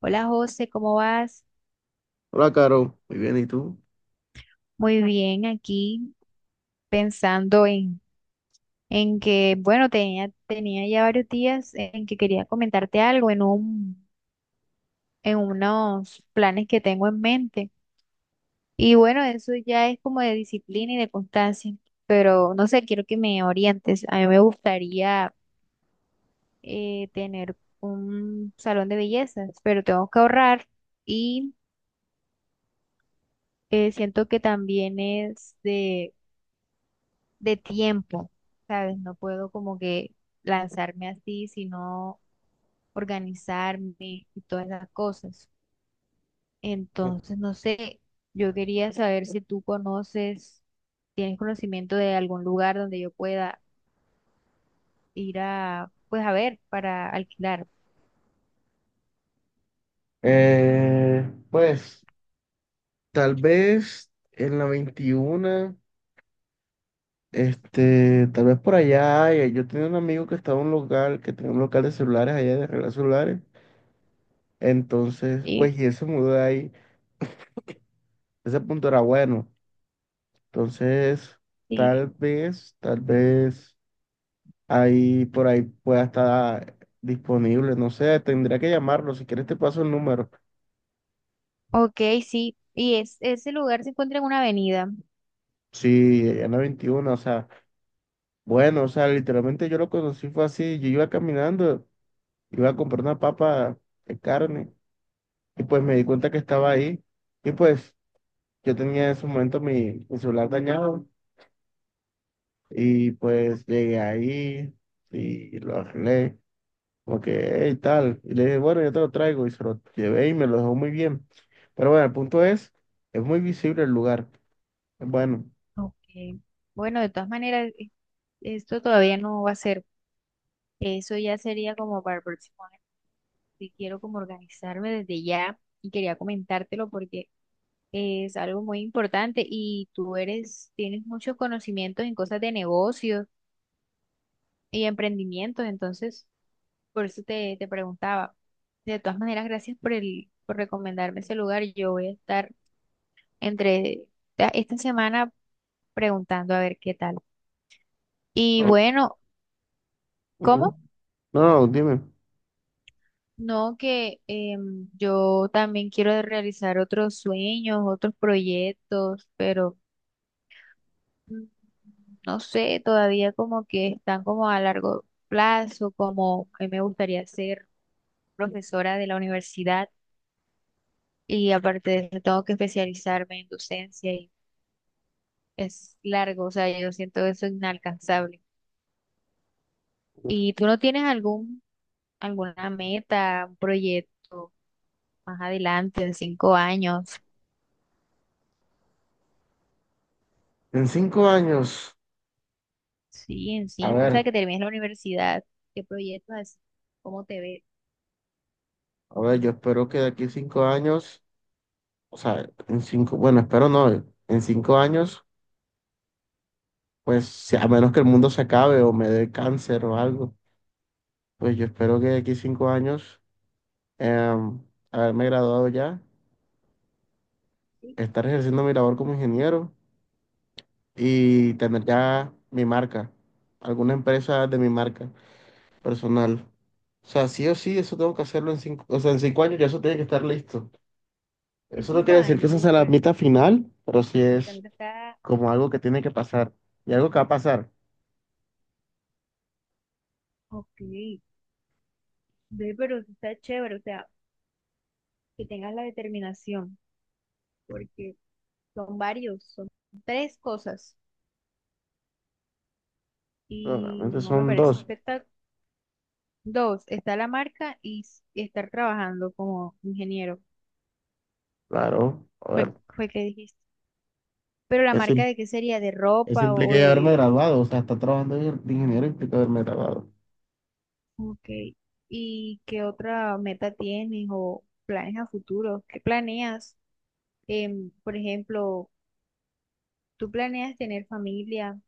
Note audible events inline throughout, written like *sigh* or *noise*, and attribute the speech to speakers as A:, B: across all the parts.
A: Hola José, ¿cómo vas?
B: Hola, Caro. Muy bien, ¿y tú?
A: Muy bien, aquí pensando en que, bueno, tenía ya varios días en que quería comentarte algo en unos planes que tengo en mente. Y bueno, eso ya es como de disciplina y de constancia, pero no sé, quiero que me orientes. A mí me gustaría tener un salón de bellezas, pero tengo que ahorrar y siento que también es de tiempo, ¿sabes? No puedo como que lanzarme así, sino organizarme y todas las cosas. Entonces, no sé, yo quería saber si tú conoces, tienes conocimiento de algún lugar donde yo pueda ir a, pues a ver, para alquilar.
B: Pues tal vez en la 21, tal vez por allá, yo tenía un amigo que estaba en un local, que tenía un local de celulares allá de regalar celulares. Entonces,
A: Y,
B: pues, y él se mudó de ahí, ese punto era bueno. Entonces,
A: y,
B: tal vez ahí por ahí pueda estar disponible, no sé, tendría que llamarlo. Si quieres te paso el número.
A: Ok, sí, y es, ese lugar se encuentra en una avenida.
B: Sí, allá en la 21, o sea. Bueno, o sea, literalmente yo lo conocí fue así, yo iba caminando, iba a comprar una papa de carne y pues me di cuenta que estaba ahí, y pues yo tenía en ese momento mi celular dañado y pues
A: Ok.
B: llegué ahí y lo arreglé, como que, hey, tal, y le dije, bueno, yo te lo traigo, y se lo llevé y me lo dejó muy bien. Pero bueno, el punto es muy visible el lugar. Bueno,
A: Ok, bueno, de todas maneras, esto todavía no va a ser, eso ya sería como para el próximo. Sí quiero como organizarme desde ya y quería comentártelo porque es algo muy importante y tú eres, tienes muchos conocimientos en cosas de negocios y emprendimientos, entonces por eso te preguntaba. De todas maneras, gracias por recomendarme ese lugar. Yo voy a estar entre esta semana preguntando a ver qué tal. Y
B: no,
A: bueno,
B: ujú.
A: ¿cómo?
B: No, no, dime.
A: No, que yo también quiero realizar otros sueños, otros proyectos, pero mm, no sé, todavía como que están como a largo plazo, como a mí me gustaría ser profesora de la universidad y aparte de eso tengo que especializarme en docencia y es largo, o sea, yo siento eso inalcanzable. ¿Y tú no tienes alguna meta, un proyecto más adelante, en 5 años?
B: En cinco años,
A: Sí, en
B: a
A: cinco, o sea,
B: ver.
A: que termines la universidad. ¿Qué proyectos así? ¿Cómo te ves?
B: A ver, yo espero que de aquí a cinco años, o sea, en cinco, bueno, espero no, en cinco años, a menos que el mundo se acabe o me dé cáncer o algo, pues yo espero que de aquí a cinco años, em, haberme graduado ya,
A: Sí,
B: estar ejerciendo mi labor como ingeniero y tener ya mi marca, alguna empresa de mi marca personal. O sea, sí o sí, eso tengo que hacerlo en cinco, o sea, en cinco años ya eso tiene que estar listo.
A: en
B: Eso no
A: cinco
B: quiere decir que
A: años,
B: esa sea la
A: pero eso
B: meta final, pero sí es
A: también está.
B: como algo que tiene que pasar y algo que va a pasar.
A: Ok, ve, pero eso está chévere, o sea, que tengas la determinación, porque son varios, son tres cosas
B: Pero
A: y
B: realmente
A: no me
B: son
A: parece
B: dos,
A: espectacular. Dos, está la marca y estar trabajando como ingeniero,
B: claro. A
A: fue,
B: ver,
A: fue que dijiste. Pero la marca
B: eso,
A: de qué sería, de
B: eso
A: ropa o
B: implica ya haberme
A: de...
B: graduado, o sea, estar trabajando de ingeniero implica haberme graduado.
A: Ok, ¿y qué otra meta tienes o planes a futuro? ¿Qué planeas? Em, por ejemplo, ¿tú planeas tener familia?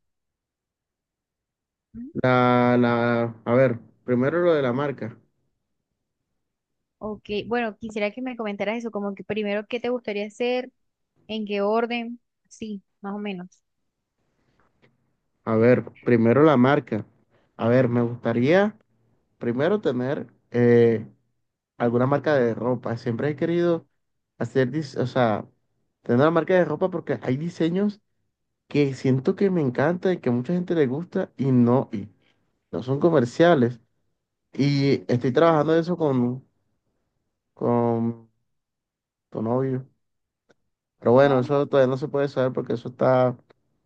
B: A ver, primero lo de la marca.
A: Ok, bueno, quisiera que me comentaras eso, como que primero, ¿qué te gustaría hacer? ¿En qué orden? Sí, más o menos.
B: A ver, primero la marca. A ver, me gustaría primero tener, alguna marca de ropa. Siempre he querido hacer, o sea, tener una marca de ropa porque hay diseños que siento que me encanta y que a mucha gente le gusta y no son comerciales. Y estoy trabajando eso con tu novio. Pero bueno,
A: Con,
B: eso todavía no se puede saber porque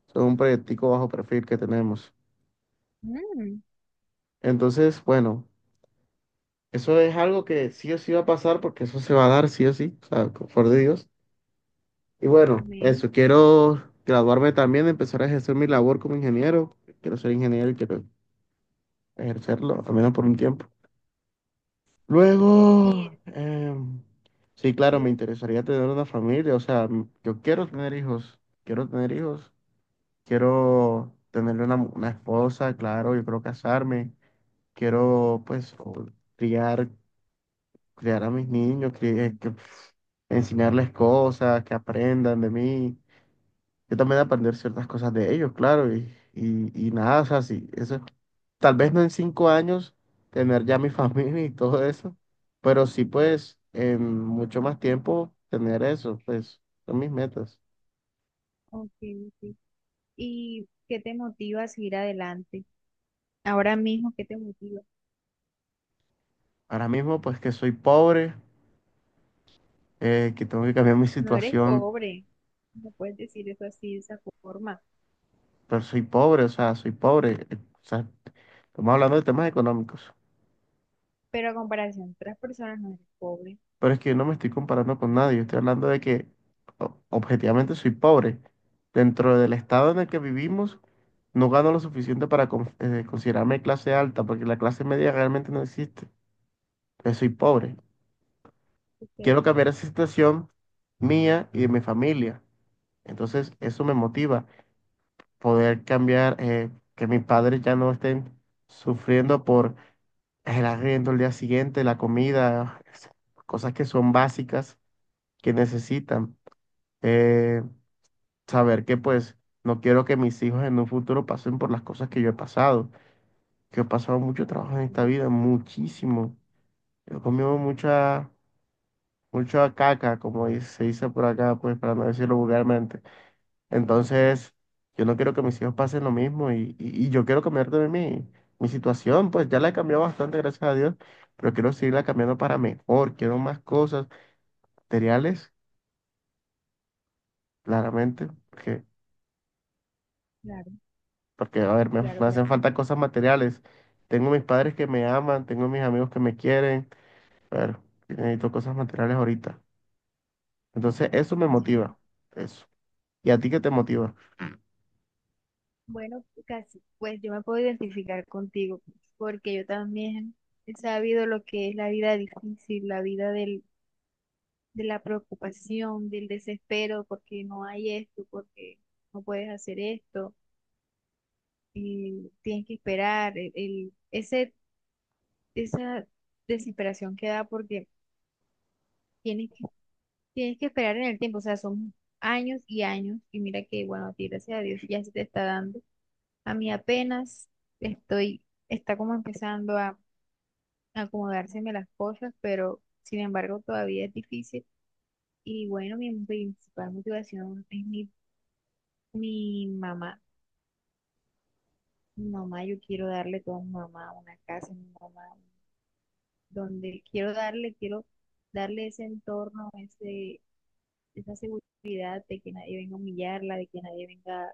B: eso es un proyectico bajo perfil que tenemos.
A: mm,
B: Entonces, bueno, eso es algo que sí o sí va a pasar porque eso se va a dar sí o sí, o sea, por favor de Dios. Y bueno,
A: amén.
B: eso, quiero graduarme también, empezar a ejercer mi labor como ingeniero. Quiero ser ingeniero y quiero ejercerlo, al menos por un tiempo.
A: Y
B: Luego, sí, claro, me
A: luego,
B: interesaría tener una familia, o sea, yo quiero tener hijos, quiero tener hijos, quiero tener una, una esposa, claro, yo quiero casarme, quiero pues, criar, criar a mis niños, que enseñarles cosas, que aprendan de mí, yo también aprender ciertas cosas de ellos, claro, y nada, o sea, sí, eso, tal vez no en cinco años tener ya mi *laughs* familia y todo eso, pero sí, pues, en mucho más tiempo tener eso, pues, son mis metas.
A: ok, ok. ¿Y qué te motiva a seguir adelante? Ahora mismo, ¿qué te motiva?
B: Ahora mismo, pues, que soy pobre, que tengo que cambiar mi
A: No eres
B: situación,
A: pobre, no puedes decir eso así, de esa forma,
B: pero soy pobre, o sea, soy pobre, o sea, estamos hablando de temas económicos.
A: pero a comparación de otras personas no eres pobre.
B: Pero es que yo no me estoy comparando con nadie. Estoy hablando de que, objetivamente soy pobre. Dentro del estado en el que vivimos, no gano lo suficiente para considerarme clase alta, porque la clase media realmente no existe. Yo soy pobre. Quiero
A: Ok,
B: cambiar esa situación mía y de mi familia. Entonces, eso me motiva. Poder cambiar, que mis padres ya no estén sufriendo por el arriendo, el día siguiente, la comida, cosas que son básicas, que necesitan. eh, saber que, pues, no quiero que mis hijos en un futuro pasen por las cosas que yo he pasado, que yo he pasado mucho trabajo en esta
A: ujú,
B: vida, muchísimo. Yo he comido mucha, mucha caca, como se dice por acá, pues para no decirlo vulgarmente. Entonces, yo no quiero que mis hijos pasen lo mismo, y yo quiero cambiar de mi situación. Pues ya la he cambiado bastante, gracias a Dios, pero quiero seguirla cambiando para mejor. Quiero más cosas materiales, claramente, porque
A: claro,
B: porque, a ver, me,
A: claro,
B: me hacen
A: claro.
B: falta cosas materiales. Tengo mis padres que me aman, tengo mis amigos que me quieren, pero necesito cosas materiales ahorita. Entonces, eso me
A: Sí.
B: motiva, eso. ¿Y a ti qué te motiva?
A: Bueno, casi, pues yo me puedo identificar contigo, porque yo también he sabido lo que es la vida difícil, la vida de la preocupación, del desespero, porque no hay esto, porque no puedes hacer esto, y tienes que esperar, esa desesperación que da porque tienes que, tienes que esperar en el tiempo, o sea, son años y años, y mira que, bueno, a ti, gracias a Dios, ya se te está dando. A mí apenas estoy, está como empezando a acomodárseme las cosas, pero sin embargo todavía es difícil. Y bueno, mi principal motivación es mi mamá. Mi mamá, yo quiero darle todo a mi mamá, una casa, a mi mamá, donde quiero darle ese entorno, esa seguridad de que nadie venga a humillarla, de que nadie venga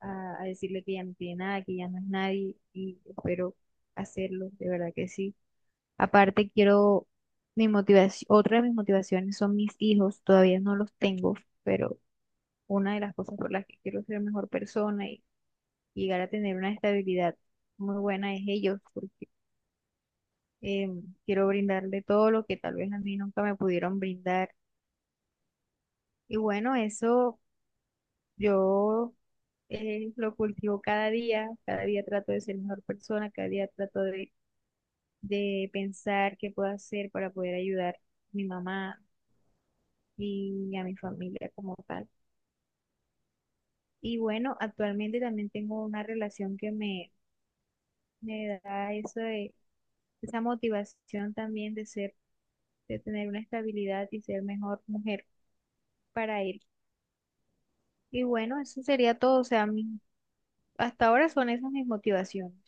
A: a decirle que ya no tiene nada, que ya no es nadie, y espero hacerlo, de verdad que sí. Aparte, quiero mi motivación, otra de mis motivaciones son mis hijos, todavía no los tengo, pero una de las cosas por las que quiero ser mejor persona y llegar a tener una estabilidad muy buena es ellos, porque quiero brindarle todo lo que tal vez a mí nunca me pudieron brindar. Y bueno, eso yo lo cultivo cada día trato de ser mejor persona, cada día trato de pensar qué puedo hacer para poder ayudar a mi mamá y a mi familia como tal. Y bueno, actualmente también tengo una relación que me da eso esa motivación también de ser, de tener una estabilidad y ser mejor mujer para él. Y bueno, eso sería todo. O sea, hasta ahora son esas mis motivaciones.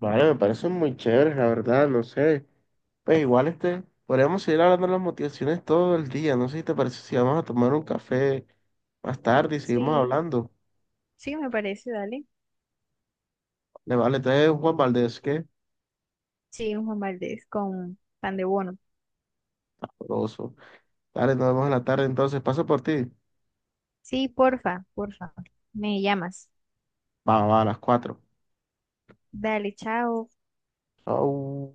B: Vale, me parecen muy chéveres, la verdad, no sé. Pues igual, podríamos seguir hablando de las motivaciones todo el día. No sé si te parece si vamos a tomar un café más tarde y seguimos
A: Sí,
B: hablando.
A: sí, me parece, dale.
B: Le vale, entonces Juan Valdés, ¿qué?
A: Sí, un Juan Valdés con pan de bono.
B: Sabroso. Dale, nos vemos en la tarde entonces. Paso por ti.
A: Sí, porfa, porfa. Me llamas.
B: Va, va, a las cuatro.
A: Dale, chao.
B: Chau.